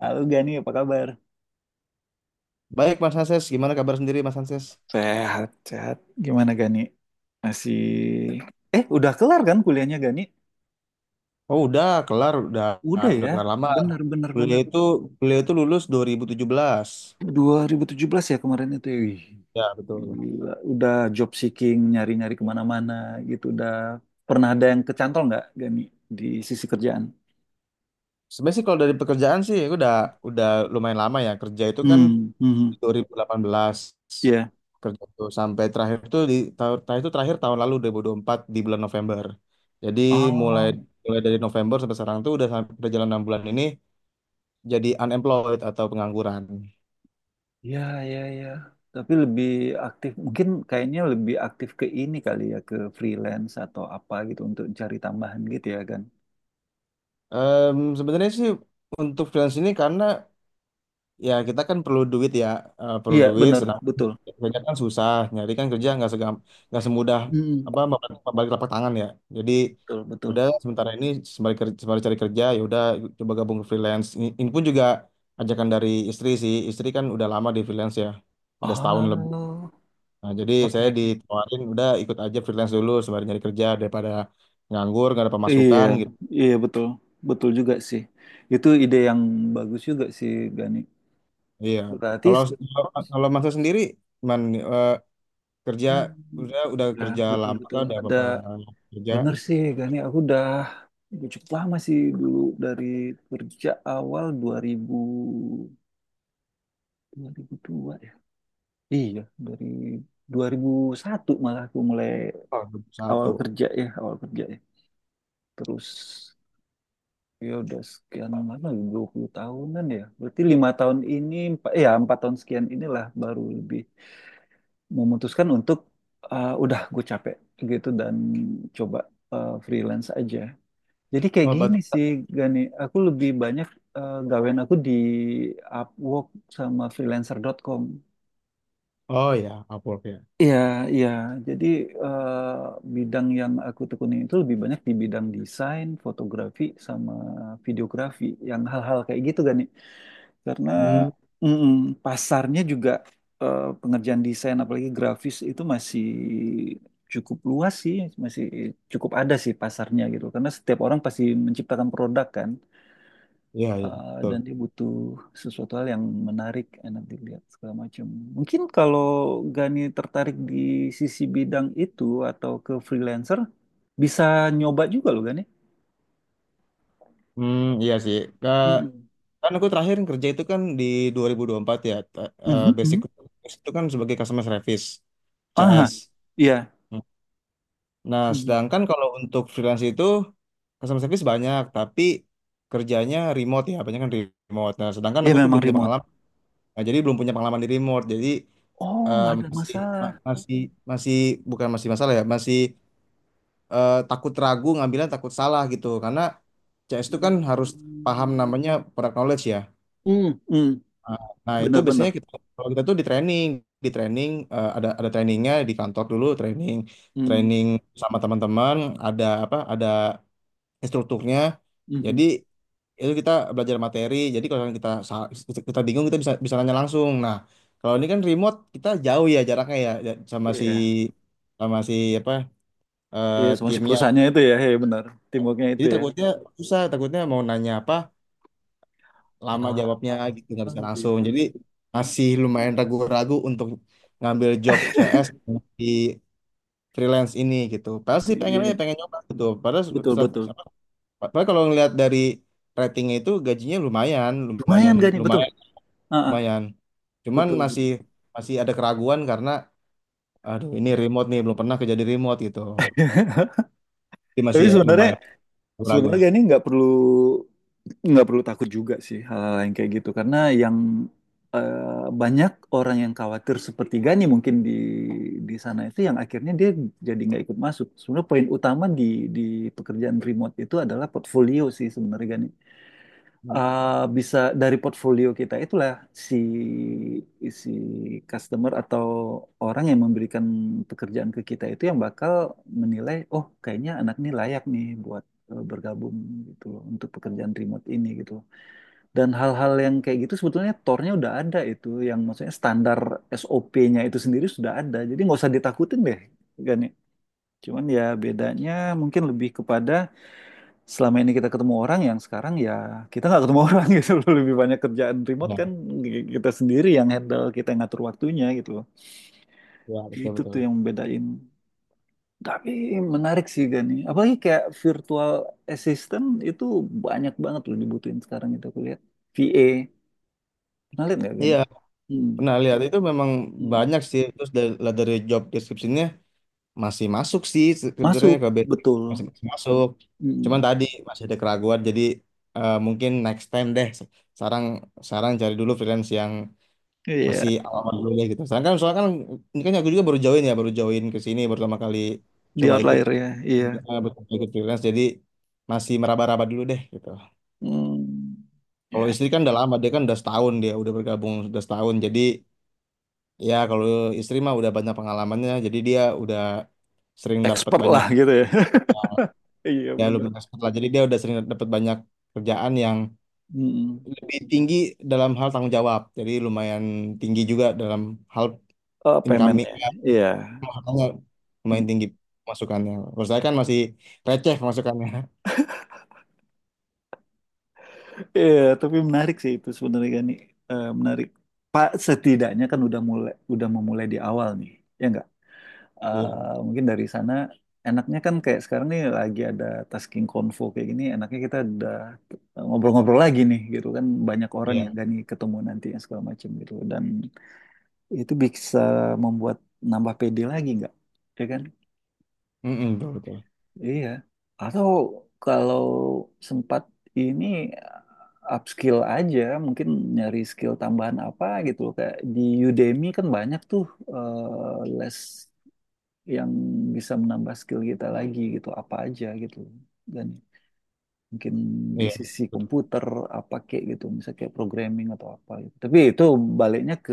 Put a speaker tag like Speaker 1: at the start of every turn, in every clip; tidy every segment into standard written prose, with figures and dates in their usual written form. Speaker 1: Halo Gani, apa kabar?
Speaker 2: Baik Mas Hanses, gimana kabar sendiri Mas Hanses?
Speaker 1: Sehat, sehat. Gimana, Gani? Masih... udah kelar kan kuliahnya, Gani?
Speaker 2: Oh udah kelar, udah
Speaker 1: Udah
Speaker 2: udah
Speaker 1: ya,
Speaker 2: kelar lama.
Speaker 1: bener bener
Speaker 2: Beliau
Speaker 1: bener.
Speaker 2: itu beliau itu lulus dua ribu tujuh belas.
Speaker 1: 2017 ya kemarin itu. Ya. Wih,
Speaker 2: Ya betul.
Speaker 1: gila. Udah job seeking, nyari-nyari kemana-mana gitu. Udah pernah ada yang kecantol nggak, Gani, di sisi kerjaan?
Speaker 2: Sebenarnya sih kalau dari pekerjaan sih aku udah udah lumayan lama ya kerja itu kan.
Speaker 1: Hmm, hmm,
Speaker 2: Dua ribu delapan belas
Speaker 1: ya.
Speaker 2: kerja tuh sampai terakhir tuh di tahun terakhir itu, terakhir tahun lalu dua dua ribu dua puluh empat di bulan November. Jadi mulai mulai dari November sampai sekarang tuh udah udah jalan 6 bulan ini jadi unemployed atau pengangguran.
Speaker 1: Ya, ya, ya. Tapi lebih aktif, mungkin kayaknya lebih aktif ke ini kali ya, ke freelance atau apa gitu untuk cari tambahan gitu ya kan?
Speaker 2: Sebenarnya sih untuk freelance ini karena ya kita kan perlu duit ya, perlu
Speaker 1: Iya,
Speaker 2: duit.
Speaker 1: bener,
Speaker 2: Sedang
Speaker 1: betul.
Speaker 2: kerja kan susah, nyari kan kerja nggak segam, nggak semudah
Speaker 1: Mm,
Speaker 2: apa membalik membalik telapak tangan ya. Jadi
Speaker 1: betul, betul.
Speaker 2: udah sementara ini sembari kerja, sembari cari kerja ya udah coba gabung ke freelance. Ini pun juga ajakan dari istri sih. Istri kan udah lama di freelance ya, udah setahun lebih.
Speaker 1: Oh,
Speaker 2: Nah, jadi
Speaker 1: oke,
Speaker 2: saya
Speaker 1: oke.
Speaker 2: ditawarin udah ikut aja freelance dulu sembari nyari kerja daripada nganggur nggak ada
Speaker 1: Iya,
Speaker 2: pemasukan gitu.
Speaker 1: iya betul, betul juga sih. Itu ide yang bagus juga sih, Gani.
Speaker 2: Iya.
Speaker 1: Berarti,
Speaker 2: Kalau
Speaker 1: se-
Speaker 2: kalau kalau Mas sendiri, man, eh, kerja
Speaker 1: Hmm,
Speaker 2: udah
Speaker 1: ya
Speaker 2: kerja
Speaker 1: betul,
Speaker 2: lama
Speaker 1: betul.
Speaker 2: kan udah bapak kerja.
Speaker 1: Bener sih, Gani. Aku udah cukup lama sih dulu dari kerja awal 2000. 2002 ya. Iya, dari 2001 malah aku mulai
Speaker 2: Oh, dua puluh
Speaker 1: awal
Speaker 2: satu.
Speaker 1: kerja ya, awal kerja ya. Terus ya udah sekian lama, 20 tahunan ya. Berarti 5 tahun ini, empat, ya 4 tahun sekian inilah baru lebih memutuskan untuk "Ah, udah gue capek gitu," dan coba freelance aja. Jadi kayak
Speaker 2: Oh
Speaker 1: gini
Speaker 2: batu.
Speaker 1: sih, Gani, aku lebih banyak gawean aku di Upwork sama freelancer.com.
Speaker 2: Oh ya, Upwork ya.
Speaker 1: Iya, iya. Jadi eh, bidang yang aku tekuni itu lebih banyak di bidang desain, fotografi, sama videografi, yang hal-hal kayak gitu kan nih. Karena
Speaker 2: Hmm,
Speaker 1: mm pasarnya juga pengerjaan desain, apalagi grafis itu masih cukup luas sih, masih cukup ada sih pasarnya gitu. Karena setiap orang pasti menciptakan produk kan.
Speaker 2: iya iya betul.
Speaker 1: Dan dia butuh sesuatu hal yang menarik, enak dilihat segala macam. Mungkin kalau Gani tertarik di sisi bidang itu atau ke freelancer, bisa nyoba juga loh, Gani.
Speaker 2: Hmm, iya sih.
Speaker 1: Mm-mm.
Speaker 2: Kan aku terakhir kerja itu kan di 2024 ya.
Speaker 1: Mhm,
Speaker 2: Basic
Speaker 1: mhm.
Speaker 2: itu kan sebagai customer service,
Speaker 1: Aha,
Speaker 2: CS.
Speaker 1: iya,
Speaker 2: Nah,
Speaker 1: mm
Speaker 2: sedangkan kalau untuk freelance itu customer service banyak, tapi kerjanya remote ya, banyak kan remote. Nah, sedangkan
Speaker 1: iya
Speaker 2: aku tuh
Speaker 1: memang
Speaker 2: belum punya
Speaker 1: remote.
Speaker 2: pengalaman. Nah, jadi belum punya pengalaman di remote. Jadi
Speaker 1: Oh,
Speaker 2: eh,
Speaker 1: nggak ada
Speaker 2: masih
Speaker 1: masalah.
Speaker 2: masih masih bukan masih masalah ya, masih takut ragu ngambilnya, takut salah gitu. Karena CS itu kan harus
Speaker 1: Mm.
Speaker 2: paham namanya product knowledge ya.
Speaker 1: Hmm, hmm,
Speaker 2: Nah, nah, itu biasanya
Speaker 1: benar-benar.
Speaker 2: kita kalau kita tuh di training, di training, ada trainingnya di kantor dulu, training
Speaker 1: Hmm,
Speaker 2: training sama teman-teman, ada apa ada instrukturnya.
Speaker 1: mhm.
Speaker 2: Jadi itu kita belajar materi, jadi kalau kita bingung, kita bisa bisa nanya langsung. Nah, kalau ini kan remote, kita jauh ya jaraknya, ya ya,
Speaker 1: Iya,
Speaker 2: sama si apa
Speaker 1: iya, sama si
Speaker 2: timnya.
Speaker 1: perusahaannya itu ya, ya benar. Teamworknya itu
Speaker 2: Jadi
Speaker 1: ya.
Speaker 2: takutnya susah, takutnya mau nanya apa, lama
Speaker 1: Ah,
Speaker 2: jawabnya gitu, nggak bisa langsung.
Speaker 1: gitu.
Speaker 2: Jadi masih lumayan ragu-ragu untuk ngambil job CS di freelance ini gitu. Padahal sih pengen
Speaker 1: Iya,
Speaker 2: aja pengen nyoba gitu, padahal
Speaker 1: betul
Speaker 2: se-
Speaker 1: betul.
Speaker 2: apa, padahal kalau ngelihat dari ratingnya itu gajinya lumayan,
Speaker 1: Lumayan
Speaker 2: lumayan
Speaker 1: gak nih, betul.
Speaker 2: lumayan
Speaker 1: Heeh,
Speaker 2: lumayan. Cuman
Speaker 1: betul,
Speaker 2: masih
Speaker 1: betul.
Speaker 2: masih ada keraguan karena aduh ini remote nih, belum pernah kerja di remote gitu. Jadi masih
Speaker 1: Tapi
Speaker 2: ya,
Speaker 1: sebenarnya
Speaker 2: lumayan ragu
Speaker 1: sebenarnya
Speaker 2: lah.
Speaker 1: gak nih nggak perlu takut juga sih hal-hal yang kayak gitu, karena banyak orang yang khawatir sepertiganya mungkin di sana itu yang akhirnya dia jadi nggak ikut masuk. Sebenarnya poin utama di di pekerjaan remote itu adalah portfolio sih sebenarnya, Gani.
Speaker 2: Hmm.
Speaker 1: Bisa dari portfolio kita itulah si si customer atau orang yang memberikan pekerjaan ke kita itu yang bakal menilai, oh kayaknya anak ini layak nih buat bergabung gitu loh untuk pekerjaan remote ini gitu. Dan hal-hal yang kayak gitu sebetulnya tornya udah ada itu, yang maksudnya standar SOP-nya itu sendiri sudah ada. Jadi nggak usah ditakutin deh, Gani. Cuman ya bedanya mungkin lebih kepada selama ini kita ketemu orang yang sekarang ya kita nggak ketemu orang gitu loh. Lebih banyak kerjaan remote kan
Speaker 2: Ya.
Speaker 1: kita sendiri yang handle, kita yang ngatur waktunya gitu loh.
Speaker 2: Ya betul
Speaker 1: Itu tuh
Speaker 2: betul.
Speaker 1: yang membedain. Tapi menarik sih, Gani. Apalagi kayak virtual assistant itu banyak banget loh dibutuhin sekarang itu aku lihat. VA. Pernah lihat nggak, Gani?
Speaker 2: Iya,
Speaker 1: Hmm.
Speaker 2: pernah lihat itu memang
Speaker 1: Hmm.
Speaker 2: banyak sih. Terus dari, lihat dari job description-nya masih masuk sih sebenarnya
Speaker 1: Masuk,
Speaker 2: ke basic.
Speaker 1: betul.
Speaker 2: Masih masuk. Cuman
Speaker 1: Hmm.
Speaker 2: tadi masih ada keraguan, jadi mungkin next time deh. Sekarang sekarang cari dulu freelance yang
Speaker 1: Iya,
Speaker 2: masih awal dulu ya gitu. Sekarang kan soalnya kan ini kan aku juga baru join ya, baru join ke sini, baru pertama kali
Speaker 1: di
Speaker 2: coba ikut
Speaker 1: outlier ya. Iya.
Speaker 2: coba ikut freelance. Jadi masih meraba-raba dulu deh gitu.
Speaker 1: Hmm.
Speaker 2: Kalau
Speaker 1: Ya,
Speaker 2: istri kan udah lama, dia kan udah setahun, dia udah bergabung udah setahun. Jadi ya kalau istri mah udah banyak pengalamannya, jadi dia udah sering dapat
Speaker 1: expert lah
Speaker 2: banyak,
Speaker 1: gitu ya.
Speaker 2: eh,
Speaker 1: Iya,
Speaker 2: ya
Speaker 1: benar.
Speaker 2: lumayan expert lah. Jadi dia udah sering dapat banyak kerjaan yang
Speaker 1: Mm-mm.
Speaker 2: lebih tinggi dalam hal tanggung jawab. Jadi lumayan tinggi juga dalam hal
Speaker 1: Oh,
Speaker 2: income.
Speaker 1: paymentnya, iya.
Speaker 2: Makanya lumayan
Speaker 1: Hmm.
Speaker 2: tinggi masukannya. Kalau saya kan masih receh masukannya.
Speaker 1: Iya, tapi menarik sih itu sebenarnya kan nih. Eh, menarik. Pak setidaknya kan udah mulai, udah memulai di awal nih, ya nggak?
Speaker 2: Iya,
Speaker 1: Mungkin dari sana enaknya kan kayak sekarang nih lagi ada tasking konvo kayak gini, enaknya kita udah ngobrol-ngobrol lagi nih, gitu kan banyak orang ya,
Speaker 2: iya.
Speaker 1: Gani ketemu nanti yang segala macam gitu, dan itu bisa membuat nambah PD lagi nggak, ya kan?
Speaker 2: Mm-mm, betul, betul.
Speaker 1: Iya. Atau kalau sempat ini upskill aja, mungkin nyari skill tambahan apa gitu loh. Kayak di Udemy kan banyak tuh les yang bisa menambah skill kita lagi gitu, apa aja gitu. Dan mungkin di
Speaker 2: Iya,
Speaker 1: sisi
Speaker 2: betul.
Speaker 1: komputer apa kayak gitu, misalnya kayak programming atau apa gitu. Tapi itu baliknya ke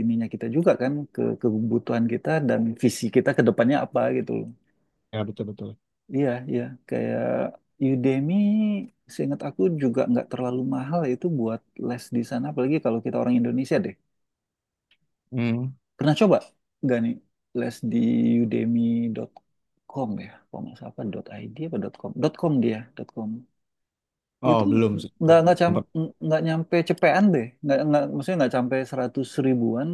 Speaker 1: ininya kita juga kan, ke kebutuhan kita dan visi kita ke depannya apa gitu.
Speaker 2: Ya, betul, betul.
Speaker 1: Iya, iya. Kayak Udemy, seingat aku juga nggak terlalu mahal itu buat les di sana. Apalagi kalau kita orang Indonesia deh.
Speaker 2: Mm.
Speaker 1: Pernah coba nggak nih les di udemy.com ya? Kalau nggak salah apa dot .id apa dot .com? Dot .com dia, dot .com.
Speaker 2: Oh,
Speaker 1: Itu
Speaker 2: belum sih.
Speaker 1: nggak
Speaker 2: Belum.
Speaker 1: nggak
Speaker 2: Belum pernah.
Speaker 1: nggak nyampe cepean deh. Nggak maksudnya nggak sampai 100 ribuan.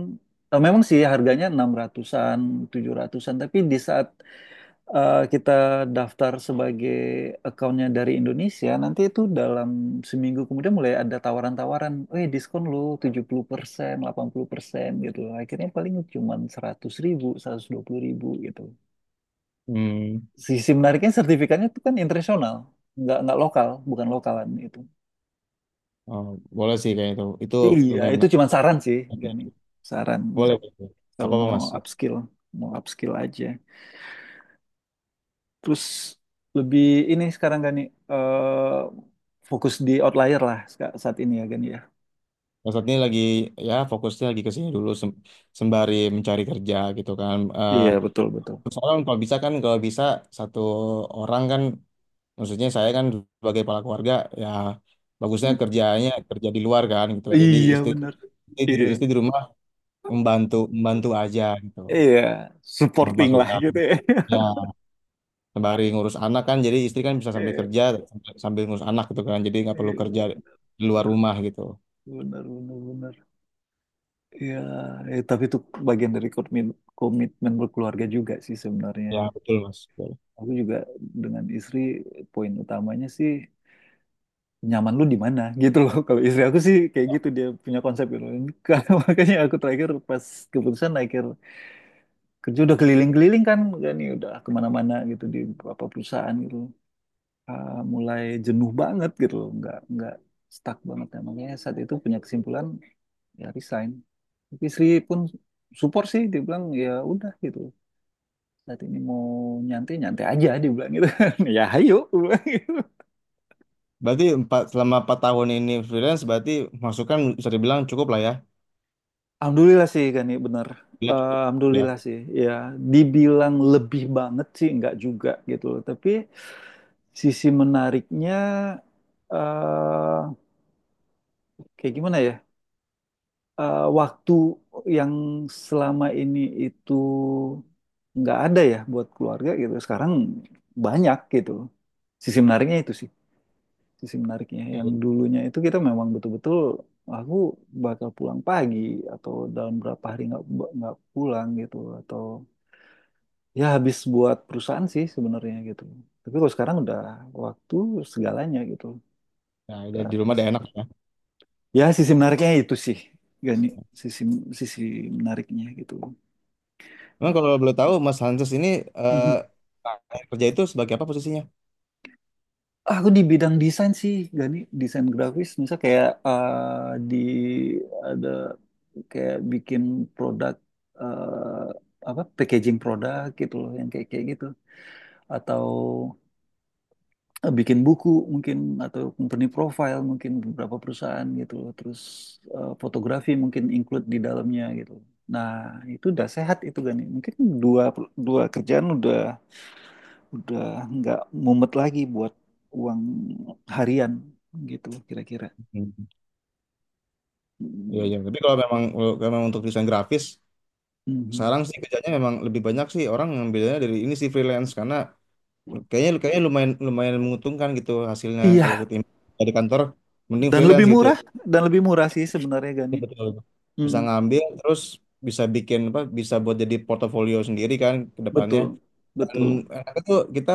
Speaker 1: Memang sih harganya 600-an, 700-an. Tapi di saat kita daftar sebagai accountnya dari Indonesia, nanti itu dalam seminggu kemudian mulai ada tawaran-tawaran, diskon lo 70%, 80% gitu. Akhirnya paling cuma 100 ribu, 120 ribu gitu.
Speaker 2: Mm.
Speaker 1: Sisi menariknya sertifikatnya itu kan internasional, nggak lokal, bukan lokalan itu.
Speaker 2: Oh, boleh sih kayak itu. Itu
Speaker 1: Iya,
Speaker 2: lumayan
Speaker 1: itu
Speaker 2: menarik.
Speaker 1: cuma saran sih, Gani. Saran
Speaker 2: Boleh. Boleh.
Speaker 1: kalau
Speaker 2: Apa apa Mas?
Speaker 1: mau upskill aja. Terus lebih ini sekarang, Gani, eh fokus di outlier lah saat ini ya, Gani, ya.
Speaker 2: Mas saat ini lagi, ya fokusnya lagi ke sini dulu sembari mencari kerja gitu kan.
Speaker 1: Iya betul betul.
Speaker 2: Terus orang kalau bisa kan, kalau bisa satu orang kan, maksudnya saya kan sebagai kepala keluarga ya, bagusnya
Speaker 1: Mm.
Speaker 2: kerjanya kerja di luar kan gitu. Jadi
Speaker 1: Iya
Speaker 2: istri
Speaker 1: benar. Iya
Speaker 2: istri di rumah membantu membantu aja gitu.
Speaker 1: iya
Speaker 2: Sama
Speaker 1: supporting lah
Speaker 2: masukan
Speaker 1: gitu ya.
Speaker 2: ya sembari ngurus anak, kan jadi istri kan bisa sambil
Speaker 1: Iya
Speaker 2: kerja, sambil ngurus anak gitu kan. Jadi nggak perlu kerja
Speaker 1: iya.
Speaker 2: di luar rumah gitu.
Speaker 1: Benar benar benar. Iya tapi itu bagian dari komitmen komitmen berkeluarga juga sih sebenarnya.
Speaker 2: Ya betul Mas. Betul.
Speaker 1: Aku juga dengan istri poin utamanya sih nyaman lu di mana gitu loh. Kalau istri aku sih kayak gitu, dia punya konsep gitu. Karena makanya aku terakhir pas keputusan akhir kerja udah keliling-keliling kan kan ya udah kemana-mana gitu di beberapa perusahaan gitu. Mulai jenuh banget gitu loh, nggak stuck banget ya, makanya saat itu punya kesimpulan ya resign, tapi istri pun support sih, dia bilang ya udah gitu, saat ini mau nyantai nyantai aja dia bilang gitu. Ya ayo aku bilang.
Speaker 2: Berarti empat, selama empat tahun ini freelance berarti masukan bisa dibilang cukup lah ya.
Speaker 1: Alhamdulillah sih, Gani, bener.
Speaker 2: Bila cukup ya.
Speaker 1: Alhamdulillah sih, ya. Dibilang lebih banget sih, nggak juga gitu loh. Tapi sisi menariknya, eh kayak gimana ya? Waktu yang selama ini itu nggak ada ya buat keluarga gitu. Sekarang banyak gitu loh. Sisi menariknya itu sih. Sisi menariknya. Yang
Speaker 2: Iya.
Speaker 1: dulunya itu kita memang betul-betul aku bakal pulang pagi atau dalam berapa hari nggak pulang gitu atau ya habis buat perusahaan sih sebenarnya gitu. Tapi kalau sekarang udah waktu segalanya gitu.
Speaker 2: Nah,
Speaker 1: Udah
Speaker 2: jadi di rumah
Speaker 1: habis.
Speaker 2: udah enak.
Speaker 1: Ya sisi menariknya itu sih. Gani, sisi sisi menariknya gitu.
Speaker 2: Emang kalau boleh tahu Mas Hanses ini eh,
Speaker 1: Mhm.
Speaker 2: kerja itu sebagai apa posisinya?
Speaker 1: Aku di bidang desain sih, Gani, desain grafis. Misal kayak eh, di ada kayak bikin produk apa packaging produk gitu loh yang kayak kayak gitu, atau bikin buku mungkin, atau company profile mungkin beberapa perusahaan gitu loh. Terus fotografi mungkin include di dalamnya gitu. Nah, itu udah sehat itu, Gani. Mungkin dua dua kerjaan udah nggak mumet lagi buat uang harian gitu kira-kira.
Speaker 2: Hmm. Iya,
Speaker 1: Mm,
Speaker 2: iya. Tapi kalau memang, kalau memang untuk desain grafis,
Speaker 1: mhm.
Speaker 2: sekarang sih kerjanya memang lebih banyak sih orang ngambilnya dari ini sih, freelance, karena kayaknya kayaknya lumayan, menguntungkan gitu hasilnya kalau
Speaker 1: Iya,
Speaker 2: ketim dari kantor, mending
Speaker 1: dan lebih
Speaker 2: freelance gitu.
Speaker 1: murah dan lebih murah sih sebenarnya,
Speaker 2: Iya,
Speaker 1: Gani.
Speaker 2: betul. Bisa
Speaker 1: Mm,
Speaker 2: ngambil terus bisa bikin apa, bisa buat jadi portofolio sendiri kan ke depannya.
Speaker 1: betul,
Speaker 2: Dan
Speaker 1: betul.
Speaker 2: enaknya tuh kita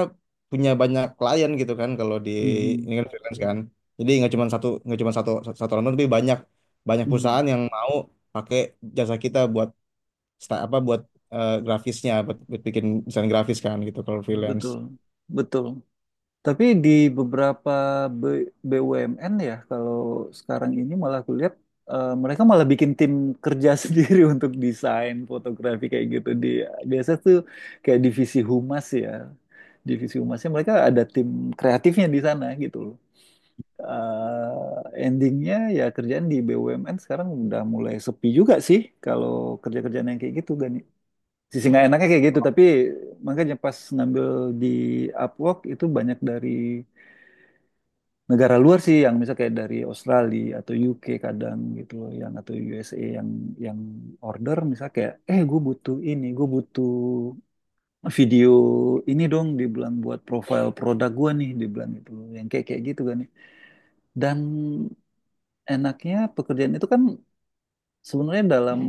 Speaker 2: punya banyak klien gitu kan kalau di
Speaker 1: Mhm,
Speaker 2: ini kan freelance kan. Jadi nggak cuma satu, nggak cuma satu satu orang doang, tapi banyak banyak
Speaker 1: mhm.
Speaker 2: perusahaan yang mau pakai jasa kita buat sta- apa buat grafisnya, buat bikin desain grafis kan gitu kalau freelance.
Speaker 1: Betul, betul. Tapi di beberapa BUMN ya, kalau sekarang ini malah aku lihat mereka malah bikin tim kerja sendiri untuk desain fotografi kayak gitu. Di biasa tuh kayak divisi humas ya, divisi humasnya mereka ada tim kreatifnya di sana gitu loh. Endingnya ya kerjaan di BUMN sekarang udah mulai sepi juga sih kalau kerja-kerjaan yang kayak gitu, Gani. Sisi nggak enaknya kayak gitu, tapi makanya pas ngambil di Upwork itu banyak dari negara luar sih, yang misal kayak dari Australia atau UK kadang gitu loh, yang atau USA, yang order misal kayak gue butuh ini, gue butuh video ini dong, dibilang buat profile produk gue nih, dibilang gitu loh yang kayak kayak gitu kan ya. Dan enaknya pekerjaan itu kan sebenarnya dalam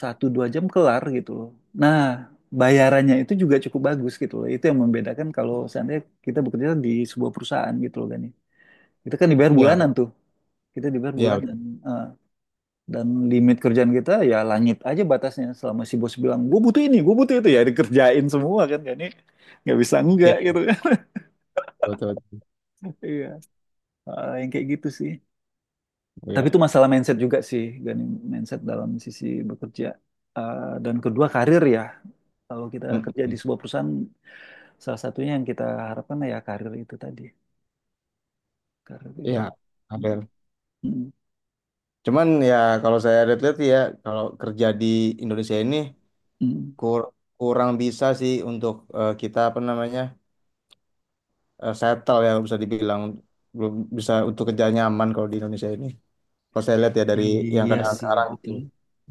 Speaker 1: satu dua jam kelar gitu loh. Nah, bayarannya itu juga cukup bagus gitu loh, itu yang membedakan kalau seandainya kita bekerja di sebuah perusahaan gitu loh kan ya. Kita kan dibayar
Speaker 2: Iya,
Speaker 1: bulanan tuh, kita dibayar
Speaker 2: iya
Speaker 1: bulanan.
Speaker 2: betul.
Speaker 1: Eh, dan limit kerjaan kita ya langit aja batasnya, selama si bos bilang gue butuh ini, gue butuh itu, ya dikerjain semua kan kan nggak bisa
Speaker 2: Iya,
Speaker 1: enggak gitu kan.
Speaker 2: betul. Betul.
Speaker 1: Iya. Yang kayak gitu sih, tapi
Speaker 2: Iya.
Speaker 1: itu masalah mindset juga sih, Gani, mindset dalam sisi bekerja. Dan kedua karir ya, kalau kita
Speaker 2: Mm.
Speaker 1: kerja di sebuah perusahaan salah satunya yang kita harapkan ya karir itu tadi, karir
Speaker 2: Iya.
Speaker 1: itu.
Speaker 2: Ada.
Speaker 1: Mm, mm,
Speaker 2: Cuman ya kalau saya lihat-lihat ya, kalau kerja di Indonesia ini
Speaker 1: mm.
Speaker 2: kur- kurang bisa sih untuk kita apa namanya, settle ya bisa dibilang belum bisa untuk kerja nyaman kalau di Indonesia ini. Kalau saya lihat ya dari yang
Speaker 1: Iya
Speaker 2: keadaan
Speaker 1: sih,
Speaker 2: sekarang gitu.
Speaker 1: betul.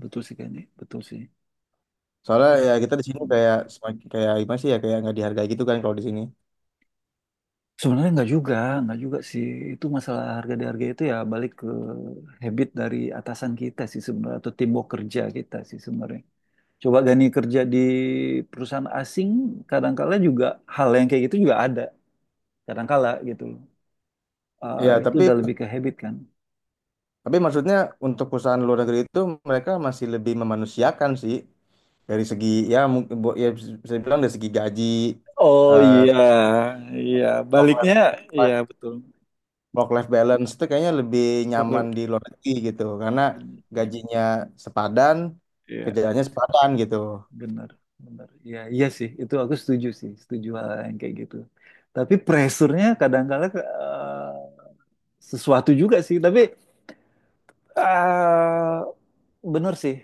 Speaker 1: Betul sih, gani, betul sih.
Speaker 2: Soalnya
Speaker 1: Tapi, s-
Speaker 2: ya kita di sini kayak semakin kayak gimana sih ya, kayak nggak dihargai gitu kan kalau di sini.
Speaker 1: Sebenarnya nggak juga sih. Itu masalah harga di harga itu ya balik ke habit dari atasan kita sih sebenarnya atau timbuk kerja kita sih sebenarnya. Coba gani kerja di perusahaan asing, kadangkala juga hal yang kayak gitu juga ada, kadangkala gitu loh.
Speaker 2: Ya
Speaker 1: Itu
Speaker 2: tapi
Speaker 1: udah lebih ke habit kan.
Speaker 2: tapi maksudnya untuk perusahaan luar negeri itu, mereka masih lebih memanusiakan sih dari segi, ya mungkin ya bisa dibilang dari segi gaji,
Speaker 1: Oh
Speaker 2: eh
Speaker 1: iya, iya
Speaker 2: work
Speaker 1: baliknya
Speaker 2: life,
Speaker 1: iya betul.
Speaker 2: work life balance itu kayaknya lebih nyaman di luar negeri gitu. Karena gajinya sepadan,
Speaker 1: Iya.
Speaker 2: kerjaannya sepadan gitu.
Speaker 1: Benar, benar. Iya, iya sih. Itu aku setuju sih, setuju hal yang kayak gitu. Tapi pressure-nya kadang-kala sesuatu juga sih. Tapi eh benar sih.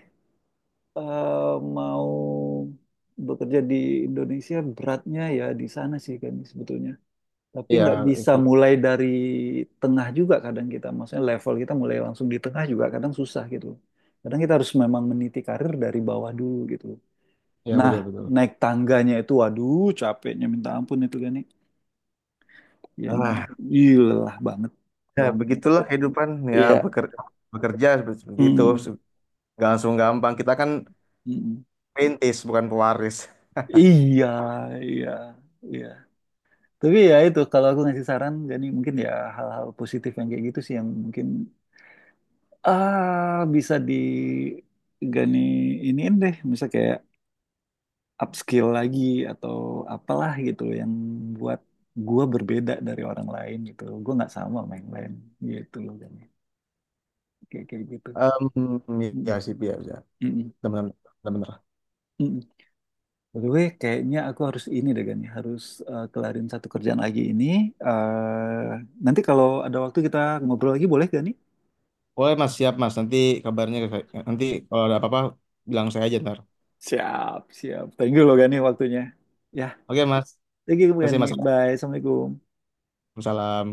Speaker 1: Mau bekerja di Indonesia beratnya ya di sana sih kan sebetulnya. Tapi
Speaker 2: Iya,
Speaker 1: nggak bisa
Speaker 2: itu.
Speaker 1: mulai dari tengah juga kadang kita. Maksudnya level kita mulai langsung di tengah juga kadang susah gitu. Kadang kita harus memang meniti karir dari bawah dulu gitu.
Speaker 2: Ya,
Speaker 1: Nah,
Speaker 2: betul, betul.
Speaker 1: naik tangganya itu waduh capeknya minta ampun itu kan yang
Speaker 2: Wah,
Speaker 1: lelah banget.
Speaker 2: ya
Speaker 1: Lelah banget.
Speaker 2: begitulah kehidupan, ya
Speaker 1: Iya.
Speaker 2: beker- bekerja seperti seperti itu.
Speaker 1: Mm,
Speaker 2: Nggak langsung gampang. Kita kan
Speaker 1: mm.
Speaker 2: perintis bukan pewaris.
Speaker 1: Iya, iya, iya. Tapi ya itu kalau aku ngasih saran, Gani, mungkin ya hal-hal positif yang kayak gitu sih yang mungkin bisa di Gani iniin deh, bisa kayak upskill lagi atau apalah gitu loh yang buat gua berbeda dari orang lain gitu loh. Gua nggak sama sama yang lain gitu loh, Gani. Kayak kayak gitu.
Speaker 2: Em,
Speaker 1: Mm,
Speaker 2: ya sih, ya, ya.
Speaker 1: mm, mm.
Speaker 2: Benar, benar, benar.
Speaker 1: Mm. By the way, kayaknya aku harus ini deh, Gani, harus kelarin satu kerjaan lagi ini. Eh, Nanti kalau ada waktu kita ngobrol lagi boleh, Gani?
Speaker 2: Oke, Mas, siap, Mas. Nanti kabarnya, nanti kalau ada apa-apa, bilang saya aja ntar.
Speaker 1: Siap, siap. Thank you loh, Gani, waktunya. Ya,
Speaker 2: Oke, Mas.
Speaker 1: thank you,
Speaker 2: Terima kasih,
Speaker 1: Gani.
Speaker 2: Mas.
Speaker 1: Bye, Assalamualaikum.
Speaker 2: Salam.